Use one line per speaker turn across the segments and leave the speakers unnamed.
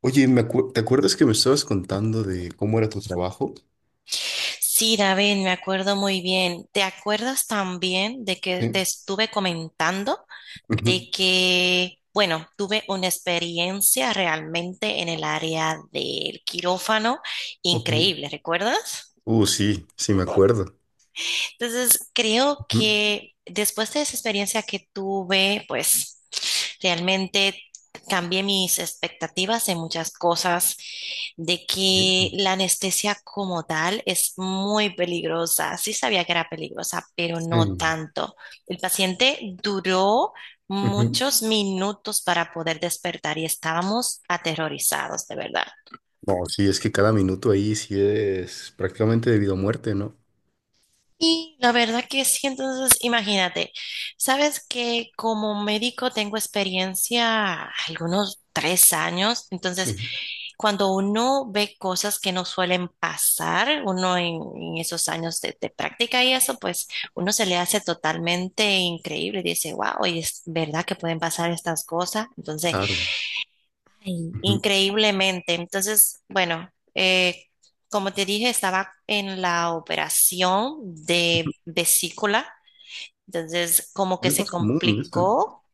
Oye, ¿te acuerdas que me estabas contando de cómo era tu trabajo?
Sí, David, me acuerdo muy bien. ¿Te acuerdas también de que te
Sí.
estuve comentando
Ujú.
de que, bueno, tuve una experiencia realmente en el área del quirófano
Ok.
increíble, ¿recuerdas?
Sí, sí, me acuerdo.
Entonces, creo
Ujú.
que después de esa experiencia que tuve, pues... Realmente cambié mis expectativas en muchas cosas, de que
Bien.
la anestesia como tal es muy peligrosa. Sí sabía que era peligrosa, pero no
Sí.
tanto. El paciente duró
Ujú.
muchos minutos para poder despertar y estábamos aterrorizados, de verdad.
No, sí, es que cada minuto ahí sí es prácticamente debido a muerte, ¿no?
Y la verdad que sí, entonces imagínate, sabes que como médico tengo experiencia algunos 3 años. Entonces,
Sí.
cuando uno ve cosas que no suelen pasar, uno en esos años de práctica y eso, pues uno se le hace totalmente increíble. Dice, wow, y es verdad que pueden pasar estas cosas. Entonces,
Claro.
ay,
Ujú.
increíblemente. Entonces, bueno, eh, como te dije, estaba en la operación de vesícula. Entonces, como
Y
que
es
se
más común,
complicó,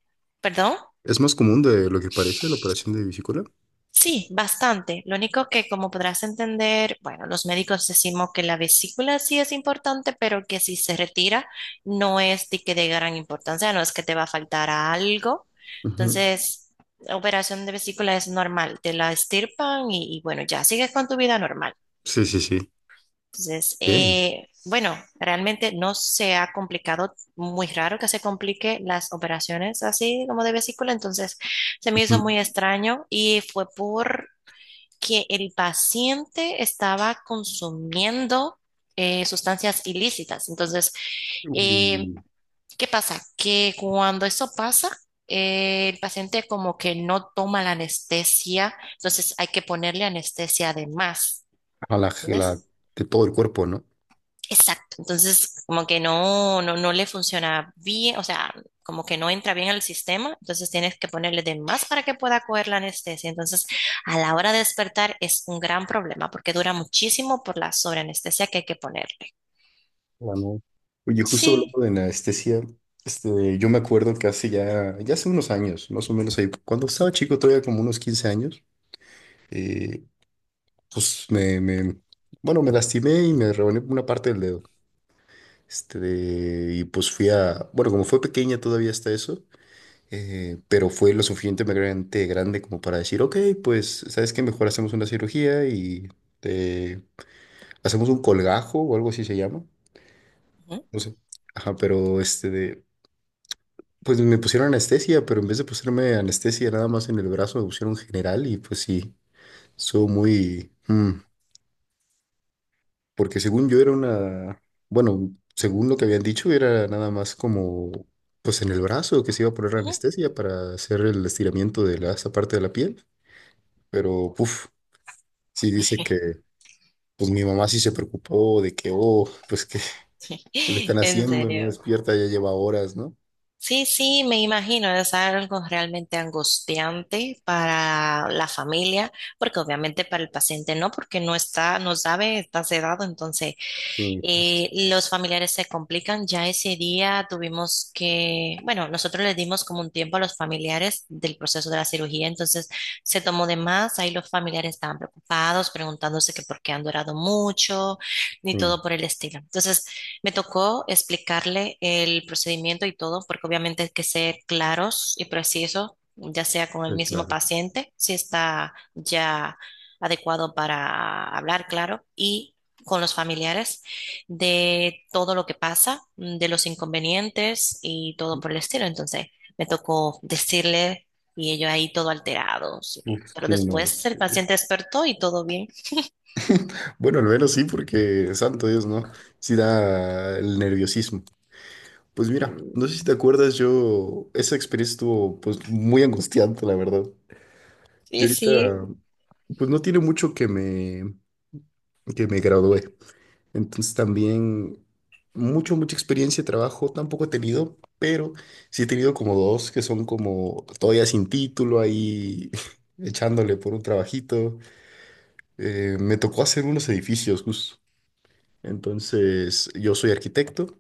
perdón.
es más común de lo que parece la operación de vesícula.
Sí, bastante. Lo único que, como podrás entender, bueno, los médicos decimos que la vesícula sí es importante, pero que si se retira no es de que de gran importancia, no es que te va a faltar algo.
Ujú.
Entonces, la operación de vesícula es normal, te la extirpan y bueno, ya sigues con tu vida normal.
Sí, sí, sí.
Entonces,
Bien.
bueno, realmente no se ha complicado, muy raro que se complique las operaciones así como de vesícula. Entonces, se me hizo
Ujú.
muy extraño y fue por que el paciente estaba consumiendo sustancias ilícitas. Entonces, eh,
Uh,
¿qué pasa? Que cuando eso pasa, el paciente como que no toma la anestesia, entonces hay que ponerle anestesia además,
a la, la-
¿entiendes?
de todo el cuerpo, ¿no?
Exacto. Entonces, como que no le funciona bien, o sea, como que no entra bien al sistema, entonces tienes que ponerle de más para que pueda coger la anestesia. Entonces, a la hora de despertar es un gran problema porque dura muchísimo por la sobreanestesia que hay que ponerle.
Ah, no. Oye, justo hablando
Sí.
de anestesia, este, yo me acuerdo que hace ya, ya hace unos años, más o menos ahí, cuando estaba chico, todavía como unos 15 años, eh, pues bueno, me lastimé y me rebané una parte del dedo. Este, y pues fui a, bueno, como fue pequeña todavía hasta eso, pero fue lo suficientemente grande como para decir, ok, pues, ¿sabes qué? Mejor hacemos una cirugía y te- hacemos un colgajo o algo así se llama,
Ujú,
no sé. Ajá, pero este de, pues me pusieron anestesia, pero en vez de ponerme anestesia nada más en el brazo, me pusieron general y pues sí, soy muy... porque según yo era una... Bueno, según lo que habían dicho, era nada más como... Pues en el brazo que se iba a poner
ujú.
anestesia para hacer el estiramiento de la, esa parte de la piel. Pero, puf, sí dice que... Pues mi mamá sí se preocupó de que, oh, pues que le están
En
haciendo, no
serio.
despierta, ya lleva horas, ¿no?
Sí, sí, me imagino, es algo realmente angustiante para la familia, porque obviamente para el paciente no, porque no está, no sabe, está sedado. Entonces,
Sí, pues,
los familiares se complican. Ya ese día tuvimos que, bueno, nosotros les dimos como un tiempo a los familiares del proceso de la cirugía, entonces se tomó de más. Ahí los familiares estaban preocupados, preguntándose que por qué han durado mucho, ni
sí,
todo por el estilo. Entonces me tocó explicarle el procedimiento y todo, porque obviamente hay que ser claros y precisos, ya sea con el
sí,
mismo
claro.
paciente, si está ya adecuado para hablar, claro, y con los familiares de todo lo que pasa, de los inconvenientes y todo por el estilo. Entonces me tocó decirle y ellos ahí todo alterado.
Uf,
Pero
sí, no, es
después el
que...
paciente despertó y todo bien.
Bueno, al menos sí, porque santo Dios, ¿no? Sí da el nerviosismo. Pues mira, no
Mm,
sé si te acuerdas, yo, esa experiencia estuvo pues muy angustiante, la verdad. Yo
sí, sí.
ahorita, pues no tiene mucho que me gradué. Entonces también mucho, mucha experiencia de trabajo tampoco he tenido, pero sí he tenido como dos que son como todavía sin título ahí echándole por un trabajito. Me tocó hacer unos edificios, justo. Entonces, yo soy arquitecto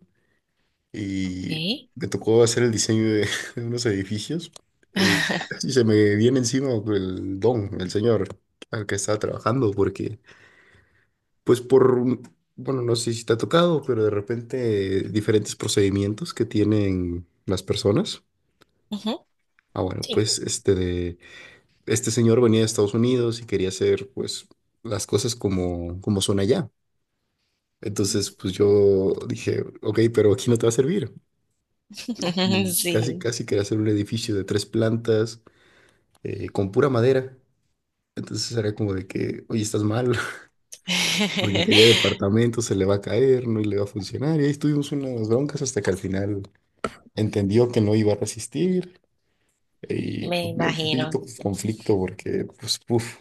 Ok.
y me tocó hacer el diseño de, de unos edificios y casi se me viene encima el don, el señor al que estaba trabajando, porque pues bueno, no sé si te ha tocado, pero de repente diferentes procedimientos que tienen las personas.
Ujú,
Ah, bueno,
sí.
pues este de, este señor venía de Estados Unidos y quería hacer pues las cosas como, como son allá. Entonces, pues yo dije, ok, pero aquí no te va a servir. Y casi,
Sí.
casi quería hacer un edificio de tres plantas con pura madera. Entonces era como de que, oye, estás mal, porque quería departamento, se le va a caer, no le va a funcionar. Y ahí estuvimos unas broncas hasta que al final entendió que no iba a resistir. Y
Me
pues, me dio un
imagino.
poquito conflicto porque, pues, uf,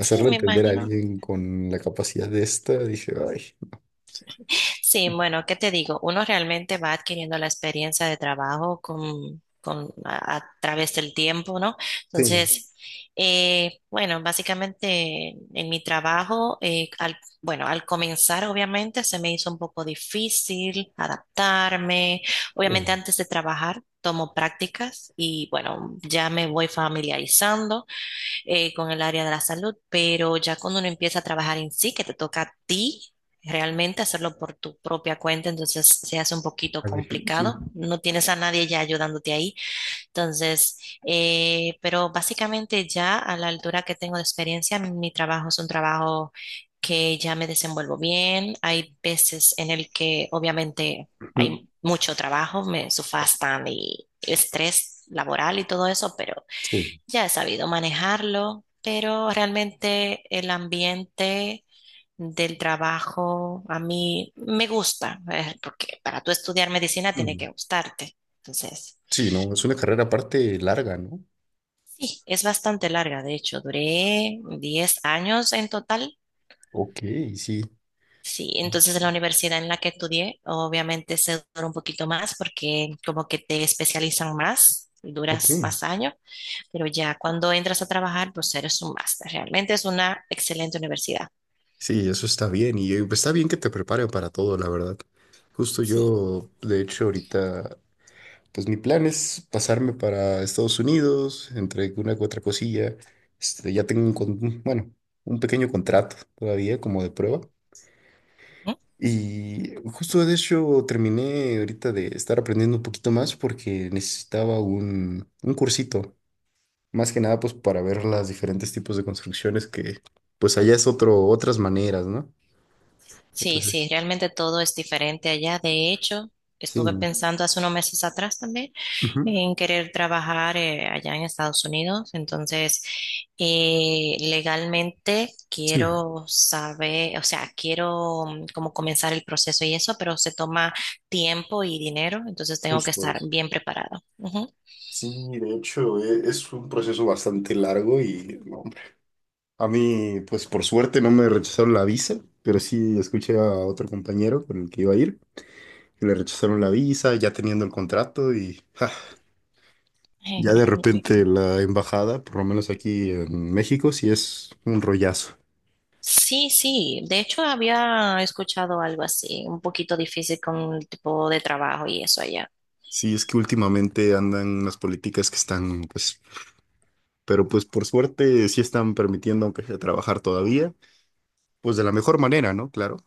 Sí, me
entender a
imagino.
alguien con la capacidad de esta, dije, ay,
Sí, bueno, ¿qué te digo? Uno realmente va adquiriendo la experiencia de trabajo a través del tiempo, ¿no?
sí,
Entonces, bueno, básicamente en mi trabajo, bueno, al comenzar obviamente se me hizo un poco difícil adaptarme. Obviamente
sí,
antes de trabajar tomo prácticas y bueno, ya me voy familiarizando con el área de la salud, pero ya cuando uno empieza a trabajar en sí, que te toca a ti realmente hacerlo por tu propia cuenta, entonces se hace un poquito
es
complicado,
difícil.
no tienes a nadie ya ayudándote ahí. Entonces, pero básicamente ya a la altura que tengo de experiencia, mi trabajo es un trabajo que ya me desenvuelvo bien, hay veces en el que obviamente
Ujú.
hay mucho trabajo, me sufastan y estrés laboral y todo eso, pero
Sí.
ya he sabido manejarlo, pero realmente el ambiente del trabajo a mí me gusta, porque para tú estudiar medicina tiene
Mm.
que gustarte. Entonces,
Sí, no, es una carrera aparte larga, ¿no?
sí, es bastante larga, de hecho, duré 10 años en total.
Ok, sí.
Sí, entonces en la universidad en la que estudié, obviamente se dura un poquito más porque como que te especializan más,
Ok,
duras más años, pero ya cuando entras a trabajar, pues eres un máster. Realmente es una excelente universidad.
sí, eso está bien y está bien que te preparen para todo, la verdad. Justo
Sí.
yo, de hecho, ahorita, pues mi plan es pasarme para Estados Unidos, entre una u otra cosilla. Este, ya tengo bueno, un pequeño contrato todavía como de prueba.
Ujú.
Y justo de hecho terminé ahorita de estar aprendiendo un poquito más porque necesitaba un cursito, más que nada pues para ver los diferentes tipos de construcciones que pues allá es otro, otras maneras, ¿no?
Sí, sí, realmente todo es diferente allá. De hecho,
Sí.
estuve
¿No?
pensando hace unos meses atrás también
Ujú.
en querer trabajar allá en Estados Unidos. Entonces, legalmente
Sí,
quiero saber, o sea, quiero como comenzar el proceso y eso, pero se toma tiempo y dinero, entonces tengo que
justo
estar
eso.
bien preparada. Ujú.
Sí, de hecho, es un proceso bastante largo y no, hombre. A mí, pues por suerte no me rechazaron la visa, pero sí escuché a otro compañero con el que iba a ir, que le rechazaron la visa ya teniendo el contrato y ja, ya de repente la embajada, por lo menos aquí en México, sí es un rollazo.
Sí, sí, de hecho había escuchado algo así, un poquito difícil con el tipo de trabajo y eso allá.
Sí, es que últimamente andan las políticas que están, pues, pero pues por suerte sí están permitiendo, aunque sea trabajar todavía. Pues de la mejor manera, ¿no? Claro.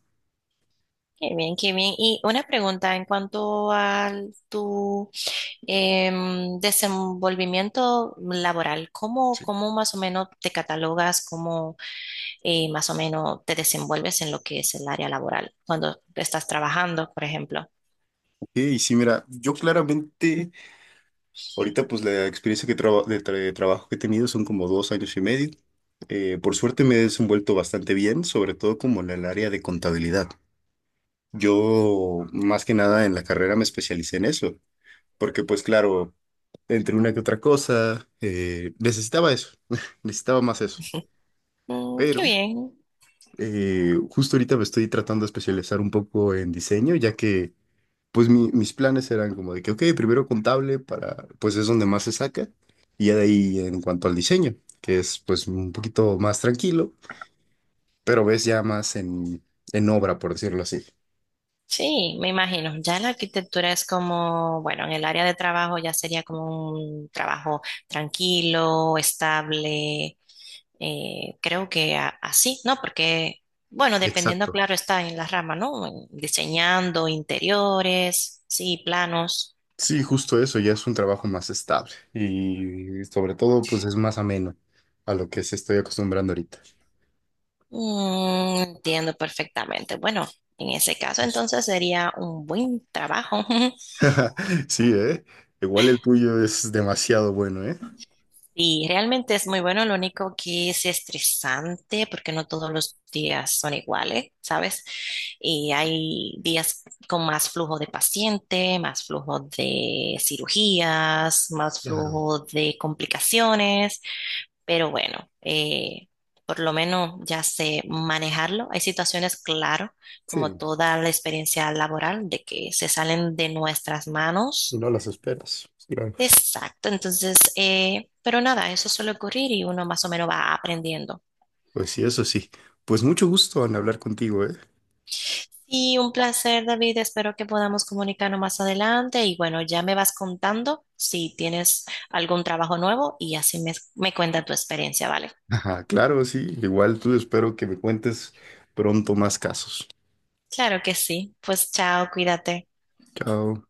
Qué bien, qué bien. Y una pregunta en cuanto a tu desenvolvimiento laboral, ¿cómo, cómo más o menos te catalogas, cómo más o menos te desenvuelves en lo que es el área laboral cuando estás trabajando, por ejemplo?
Y sí, mira, yo claramente, ahorita pues la experiencia que traba- de, tra- de trabajo que he tenido son como 2 años y medio. Por suerte me he desenvuelto bastante bien, sobre todo como en el área de contabilidad. Yo más que nada en la carrera me especialicé en eso, porque pues claro, entre una que otra cosa, necesitaba eso, necesitaba más eso.
Mm, qué
Pero
bien.
justo ahorita me estoy tratando de especializar un poco en diseño, ya que... Pues mis planes eran como de que, ok, primero contable para, pues es donde más se saca, y ya de ahí en cuanto al diseño, que es pues un poquito más tranquilo, pero ves ya más en obra, por decirlo así.
Sí, me imagino. Ya la arquitectura es como, bueno, en el área de trabajo ya sería como un trabajo tranquilo, estable. Creo que así, ¿no? Porque, bueno, dependiendo,
Exacto.
claro, está en la rama, ¿no? En diseñando interiores, sí, planos.
Sí, justo eso, ya es un trabajo más estable y sobre todo pues es más ameno a lo que se estoy acostumbrando ahorita.
Mm, entiendo perfectamente. Bueno, en ese caso,
Pues-
entonces sería un buen trabajo.
Sí, ¿eh? Igual el tuyo es demasiado bueno, ¿eh?
Sí, realmente es muy bueno, lo único que es estresante porque no todos los días son iguales, ¿sabes? Y hay días con más flujo de paciente, más flujo de cirugías, más
Claro.
flujo de complicaciones, pero bueno, por lo menos ya sé manejarlo. Hay situaciones, claro, como
Sí,
toda la experiencia laboral, de que se salen de nuestras
y
manos.
no las esperas. Claro.
Exacto, entonces, pero nada, eso suele ocurrir y uno más o menos va aprendiendo.
Pues sí, eso sí. Pues mucho gusto en hablar contigo, ¿eh?
Y un placer, David, espero que podamos comunicarnos más adelante y bueno, ya me vas contando si tienes algún trabajo nuevo y así me cuenta tu experiencia, ¿vale?
Ajá, claro, sí. Igual tú espero que me cuentes pronto más casos.
Claro que sí, pues chao, cuídate.
Chao.